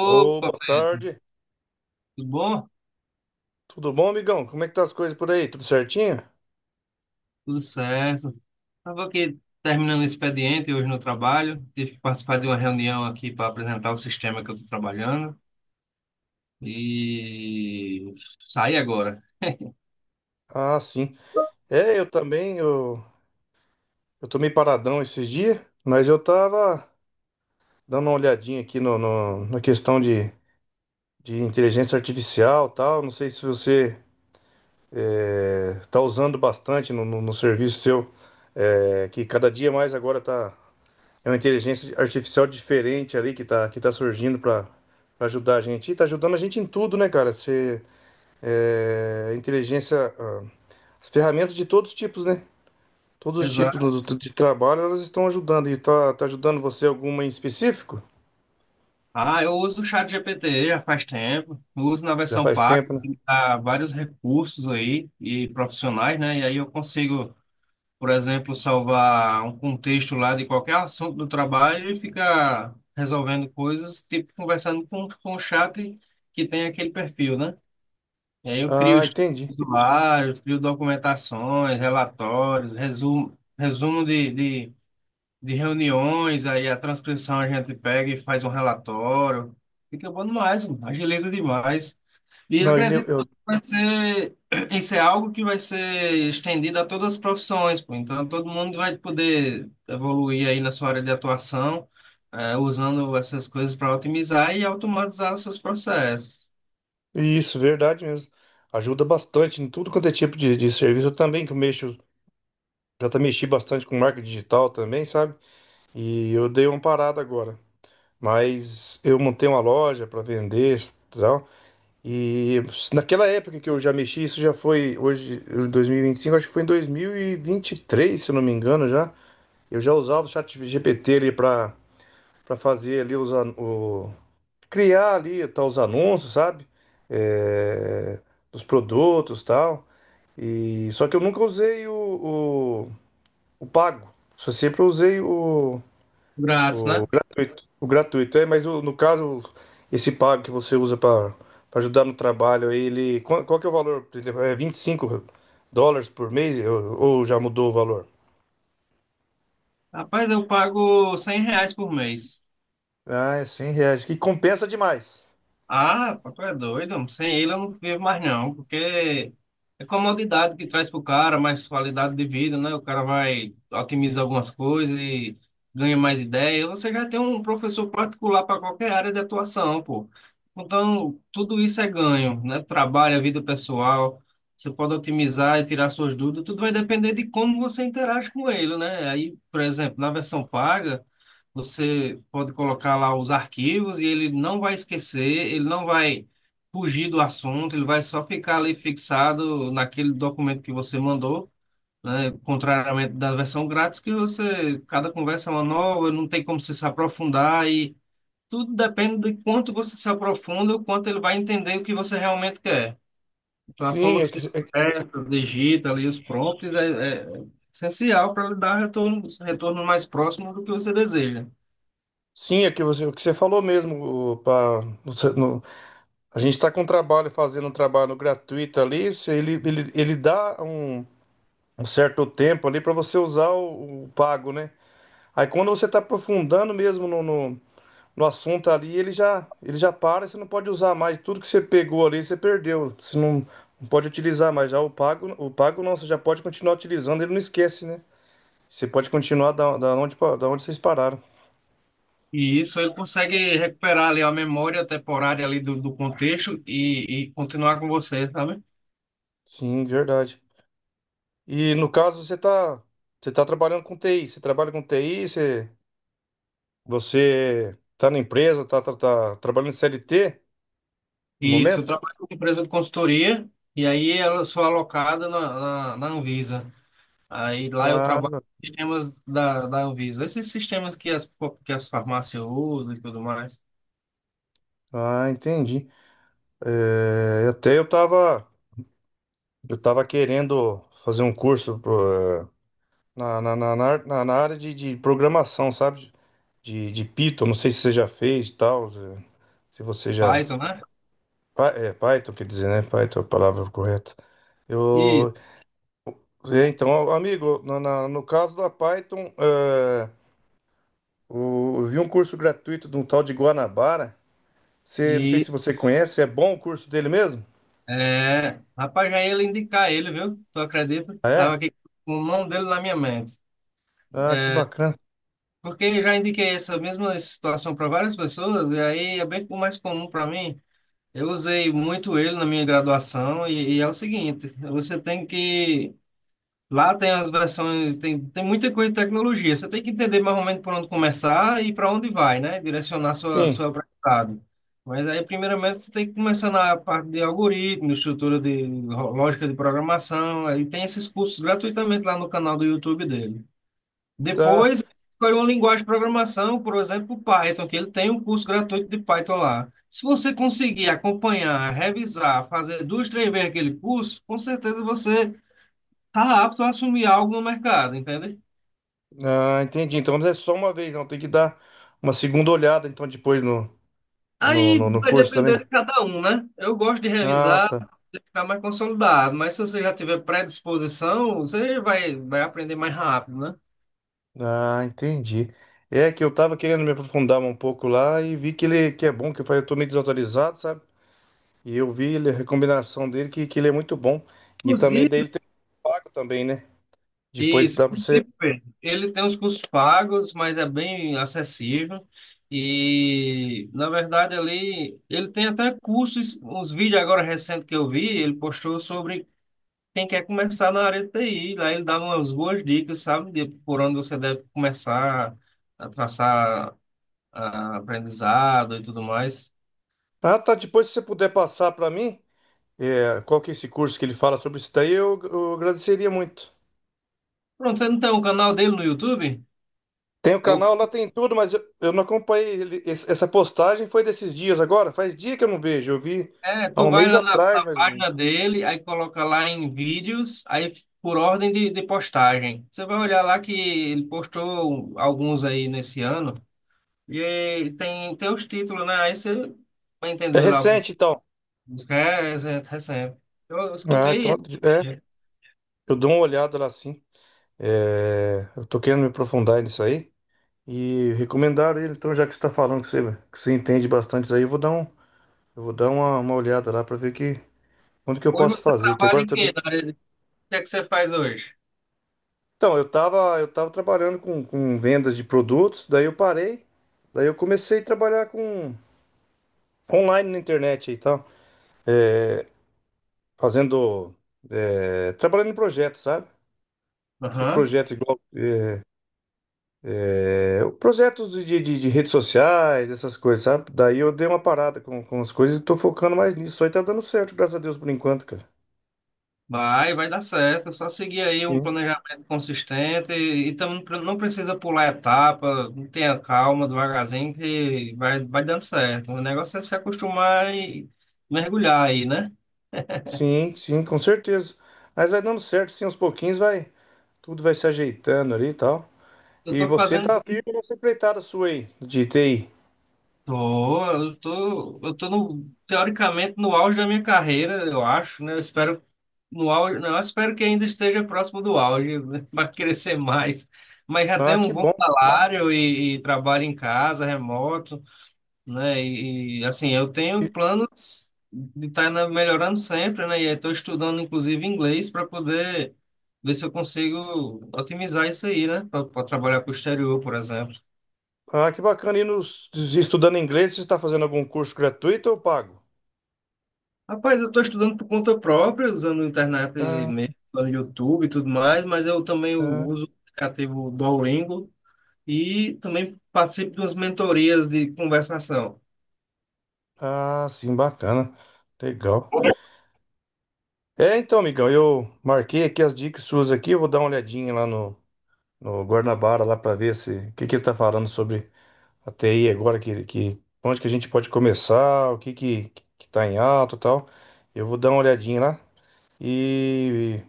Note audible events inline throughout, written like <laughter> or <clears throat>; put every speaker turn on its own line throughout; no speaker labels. Ô, boa tarde.
tudo bom?
Tudo bom, amigão? Como é que tá as coisas por aí? Tudo certinho?
Tudo certo. Estava aqui terminando o expediente hoje no trabalho. Tive que participar de uma reunião aqui para apresentar o sistema que eu estou trabalhando. E saí agora.
Ah, sim. É, eu também, eu tô meio paradão esses dias, mas eu tava dando uma olhadinha aqui no, na questão de inteligência artificial e tal. Não sei se você tá usando bastante no serviço seu, que cada dia mais agora tá. É uma inteligência artificial diferente ali que tá surgindo pra ajudar a gente. E tá ajudando a gente em tudo, né, cara? Você. É, as ferramentas de todos os tipos, né? Todos os tipos
Exato.
de trabalho, elas estão ajudando. E tá ajudando você alguma em específico?
Ah, eu uso o chat GPT já faz tempo. Eu uso na
Já
versão
faz
paga.
tempo, né?
Tem que dar vários recursos aí e profissionais, né? E aí eu consigo, por exemplo, salvar um contexto lá de qualquer assunto do trabalho e ficar resolvendo coisas, tipo conversando com o chat que tem aquele perfil, né? E aí eu crio
Ah, entendi.
estudos, crio documentações, relatórios, resumo, resumo de reuniões, aí a transcrição a gente pega e faz um relatório. Fica bom demais, mano, agiliza demais. E
Não,
acredito que vai ser, <clears throat> isso é algo que vai ser estendido a todas as profissões, pô. Então todo mundo vai poder evoluir aí na sua área de atuação, usando essas coisas para otimizar e automatizar os seus processos.
isso, verdade mesmo. Ajuda bastante em tudo quanto é tipo de serviço. Eu também que eu mexo, já tá mexi bastante com marca digital também, sabe? E eu dei uma parada agora. Mas eu montei uma loja para vender, e tal. E naquela época que eu já mexi, isso já foi hoje 2025, acho que foi em 2023, se eu não me engano, já. Eu já usava o chat GPT ali para fazer ali criar ali os anúncios, sabe? É, dos produtos, tal. E só que eu nunca usei o pago. Só sempre usei o
Grátis, né?
gratuito. O gratuito, mas no caso, esse pago que você usa para ajudar no trabalho, aí ele. Qual que é o valor? Ele é US$ 25 por mês ou, já mudou o valor?
Rapaz, eu pago R$ 100 por mês.
Ah, é R$ 100, que compensa demais.
Ah, pô, tu é doido, homem. Sem ele eu não vivo mais não, porque é comodidade que traz pro cara, mais qualidade de vida, né? O cara vai otimizar algumas coisas e ganha mais ideia. Você já tem um professor particular para qualquer área de atuação, pô. Então, tudo isso é ganho, né? Trabalho, vida pessoal, você pode otimizar e tirar suas dúvidas, tudo vai depender de como você interage com ele, né? Aí, por exemplo, na versão paga, você pode colocar lá os arquivos e ele não vai esquecer, ele não vai fugir do assunto, ele vai só ficar ali fixado naquele documento que você mandou, né? Contrariamente da versão grátis, que você, cada conversa é uma nova, não tem como você se aprofundar e tudo depende de quanto você se aprofunda, o quanto ele vai entender o que você realmente quer. Então, a
Sim,
forma que você expressa, digita ali os prompts é essencial para ele dar retorno, retorno mais próximo do que você deseja.
é que você, o que você falou mesmo, o- pra, no- no- a gente está com um trabalho, fazendo um trabalho gratuito ali, se ele dá um, certo tempo ali para você usar o pago, né? Aí quando você está aprofundando mesmo no assunto ali, ele já para, e você não pode usar mais. Tudo que você pegou ali, você perdeu. Você não pode utilizar mais. Já o pago não, você já pode continuar utilizando, ele não esquece, né? Você pode continuar da onde vocês pararam.
E isso ele consegue recuperar ali a memória temporária ali do contexto e continuar com você, sabe?
Sim, verdade. E no caso, você tá trabalhando com TI. Você trabalha com TI, você tá na empresa, tá trabalhando em CLT no
E isso, eu
momento?
trabalho com empresa de consultoria e aí eu sou alocado na Anvisa. Aí lá eu
Ah,
trabalho com sistemas da Anvisa. Esses sistemas que as farmácias usam e tudo mais.
ah, entendi. É, até eu tava. Eu tava querendo fazer um curso pro, eh, na, na, na, na- na- na área de programação, sabe? De Python, não sei se você já fez e tal, se você já.
Python, né?
É, Python, quer dizer, né? Python é a palavra correta.
E,
Eu. Então, amigo, no caso da Python, eu vi um curso gratuito de um tal de Guanabara. Você, não sei
e
se você conhece, é bom o curso dele mesmo?
rapaz, já ia lhe indicar ele, viu? Tu acredita?
Ah, é?
Tava aqui com o nome dele na minha mente.
Ah, que bacana.
Porque eu já indiquei essa mesma situação para várias pessoas, e aí é bem o mais comum para mim. Eu usei muito ele na minha graduação, e é o seguinte: você tem que... Lá tem as versões, tem, tem muita coisa de tecnologia, você tem que entender mais ou menos por onde começar e para onde vai, né? Direcionar sua,
Sim.
seu aprendizado. Mas aí, primeiramente, você tem que começar na parte de algoritmo, estrutura de lógica de programação, aí tem esses cursos gratuitamente lá no canal do YouTube dele.
Tá.
Depois, escolhe uma linguagem de programação, por exemplo, Python, que ele tem um curso gratuito de Python lá. Se você conseguir acompanhar, revisar, fazer duas, três vezes aquele curso, com certeza você está apto a assumir algo no mercado, entende?
Ah, entendi. Então não é só uma vez, não. Tem que dar uma segunda olhada, então, depois
Aí
no
vai
curso
depender de
também.
cada um, né? Eu gosto de
Ah,
revisar,
tá.
de ficar mais consolidado, mas se você já tiver predisposição, você vai, vai aprender mais rápido, né?
Ah, entendi. É que eu tava querendo me aprofundar um pouco lá e vi que ele que é bom, que eu falei, eu tô meio desatualizado, sabe? E eu vi ele, a recomendação dele que ele é muito bom. E também
Inclusive,
daí ele tem pago também, né? Depois
Isso.
dá pra você.
Inclusive, ele tem os cursos pagos, mas é bem acessível. E, na verdade, ali ele tem até cursos, uns vídeos agora recentes que eu vi, ele postou sobre quem quer começar na área de TI. Lá ele dá umas boas dicas, sabe, de por onde você deve começar a traçar aprendizado e tudo mais.
Ah, tá. Depois se você puder passar pra mim, qual que é esse curso que ele fala sobre isso daí, eu agradeceria muito.
Pronto, você não tem um canal dele no YouTube?
Tem o canal, lá tem tudo, mas eu não acompanhei. Essa postagem foi desses dias agora? Faz dia que eu não vejo. Eu vi
É,
há
tu
um
vai
mês
lá na,
atrás,
na
mais ou
página
menos.
dele, aí coloca lá em vídeos, aí por ordem de postagem. Você vai olhar lá que ele postou alguns aí nesse ano, e aí tem, tem os títulos, né? Aí você vai
É
entender lá o
recente, então.
que é recente. Eu
Ah,
escutei.
então,
É.
é. Eu dou uma olhada lá, sim. É, eu tô querendo me aprofundar nisso aí. E recomendaram ele, então, já que você tá falando que você entende bastante isso aí, eu vou dar um, eu vou dar uma, olhada lá para ver que, onde que eu
Hoje
posso
você
fazer. Que
trabalha
agora
em quê?
também.
Na área de... O que é que você faz hoje?
Então, eu tava trabalhando com vendas de produtos, daí eu parei, daí eu comecei a trabalhar com. Online na internet e tal, é, fazendo, trabalhando em projetos, sabe? De projeto igual, projetos de redes sociais, essas coisas, sabe? Daí eu dei uma parada com as coisas e tô focando mais nisso. Isso aí tá dando certo, graças a Deus, por enquanto, cara.
Vai, vai dar certo. É só seguir aí um
Sim,
planejamento consistente e tam- não precisa pular etapa, tenha calma, devagarzinho, que vai, vai dando certo. O negócio é se acostumar e mergulhar aí, né?
sim, sim, com certeza. Mas vai dando certo, sim, aos pouquinhos vai, tudo vai se ajeitando ali e tal.
Eu
E
tô
você tá
fazendo
firme
isso.
nessa empreitada sua aí, de TI.
Tô, eu tô no, teoricamente no auge da minha carreira, eu acho, né? Eu espero... no auge, não, eu espero que ainda esteja próximo do auge, né? <laughs> vai crescer mais. Mas já
Ah,
tenho
que
um bom
bom.
salário e trabalho em casa, remoto, né? E, assim, eu tenho planos de estar melhorando sempre, né? E estou estudando inclusive inglês para poder ver se eu consigo otimizar isso aí, né? Para trabalhar para o exterior, por exemplo.
Ah, que bacana. E estudando inglês, você está fazendo algum curso gratuito ou pago?
Rapaz, eu estou estudando por conta própria, usando internet
Ah,
mesmo, no YouTube e tudo mais, mas eu também uso o aplicativo Duolingo e também participo de umas mentorias de conversação.
ah, sim, bacana. Legal. É, então, amigão, eu marquei aqui as dicas suas aqui. Eu vou dar uma olhadinha lá no Guarnabara, lá para ver se o que, que ele está falando sobre a TI agora, onde que a gente pode começar, o que que tá em alta e tal. Eu vou dar uma olhadinha lá. E,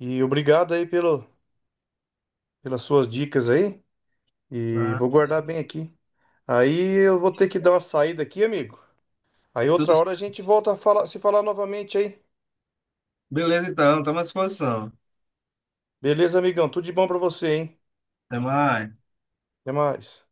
e obrigado aí pelas suas dicas aí. E vou
Tá.
guardar bem aqui. Aí eu vou ter que dar uma saída aqui, amigo. Aí
Tudo
outra hora a gente volta a falar, se falar novamente aí.
beleza, então, estamos à disposição.
Beleza, amigão? Tudo de bom pra você, hein?
Até mais.
Até mais.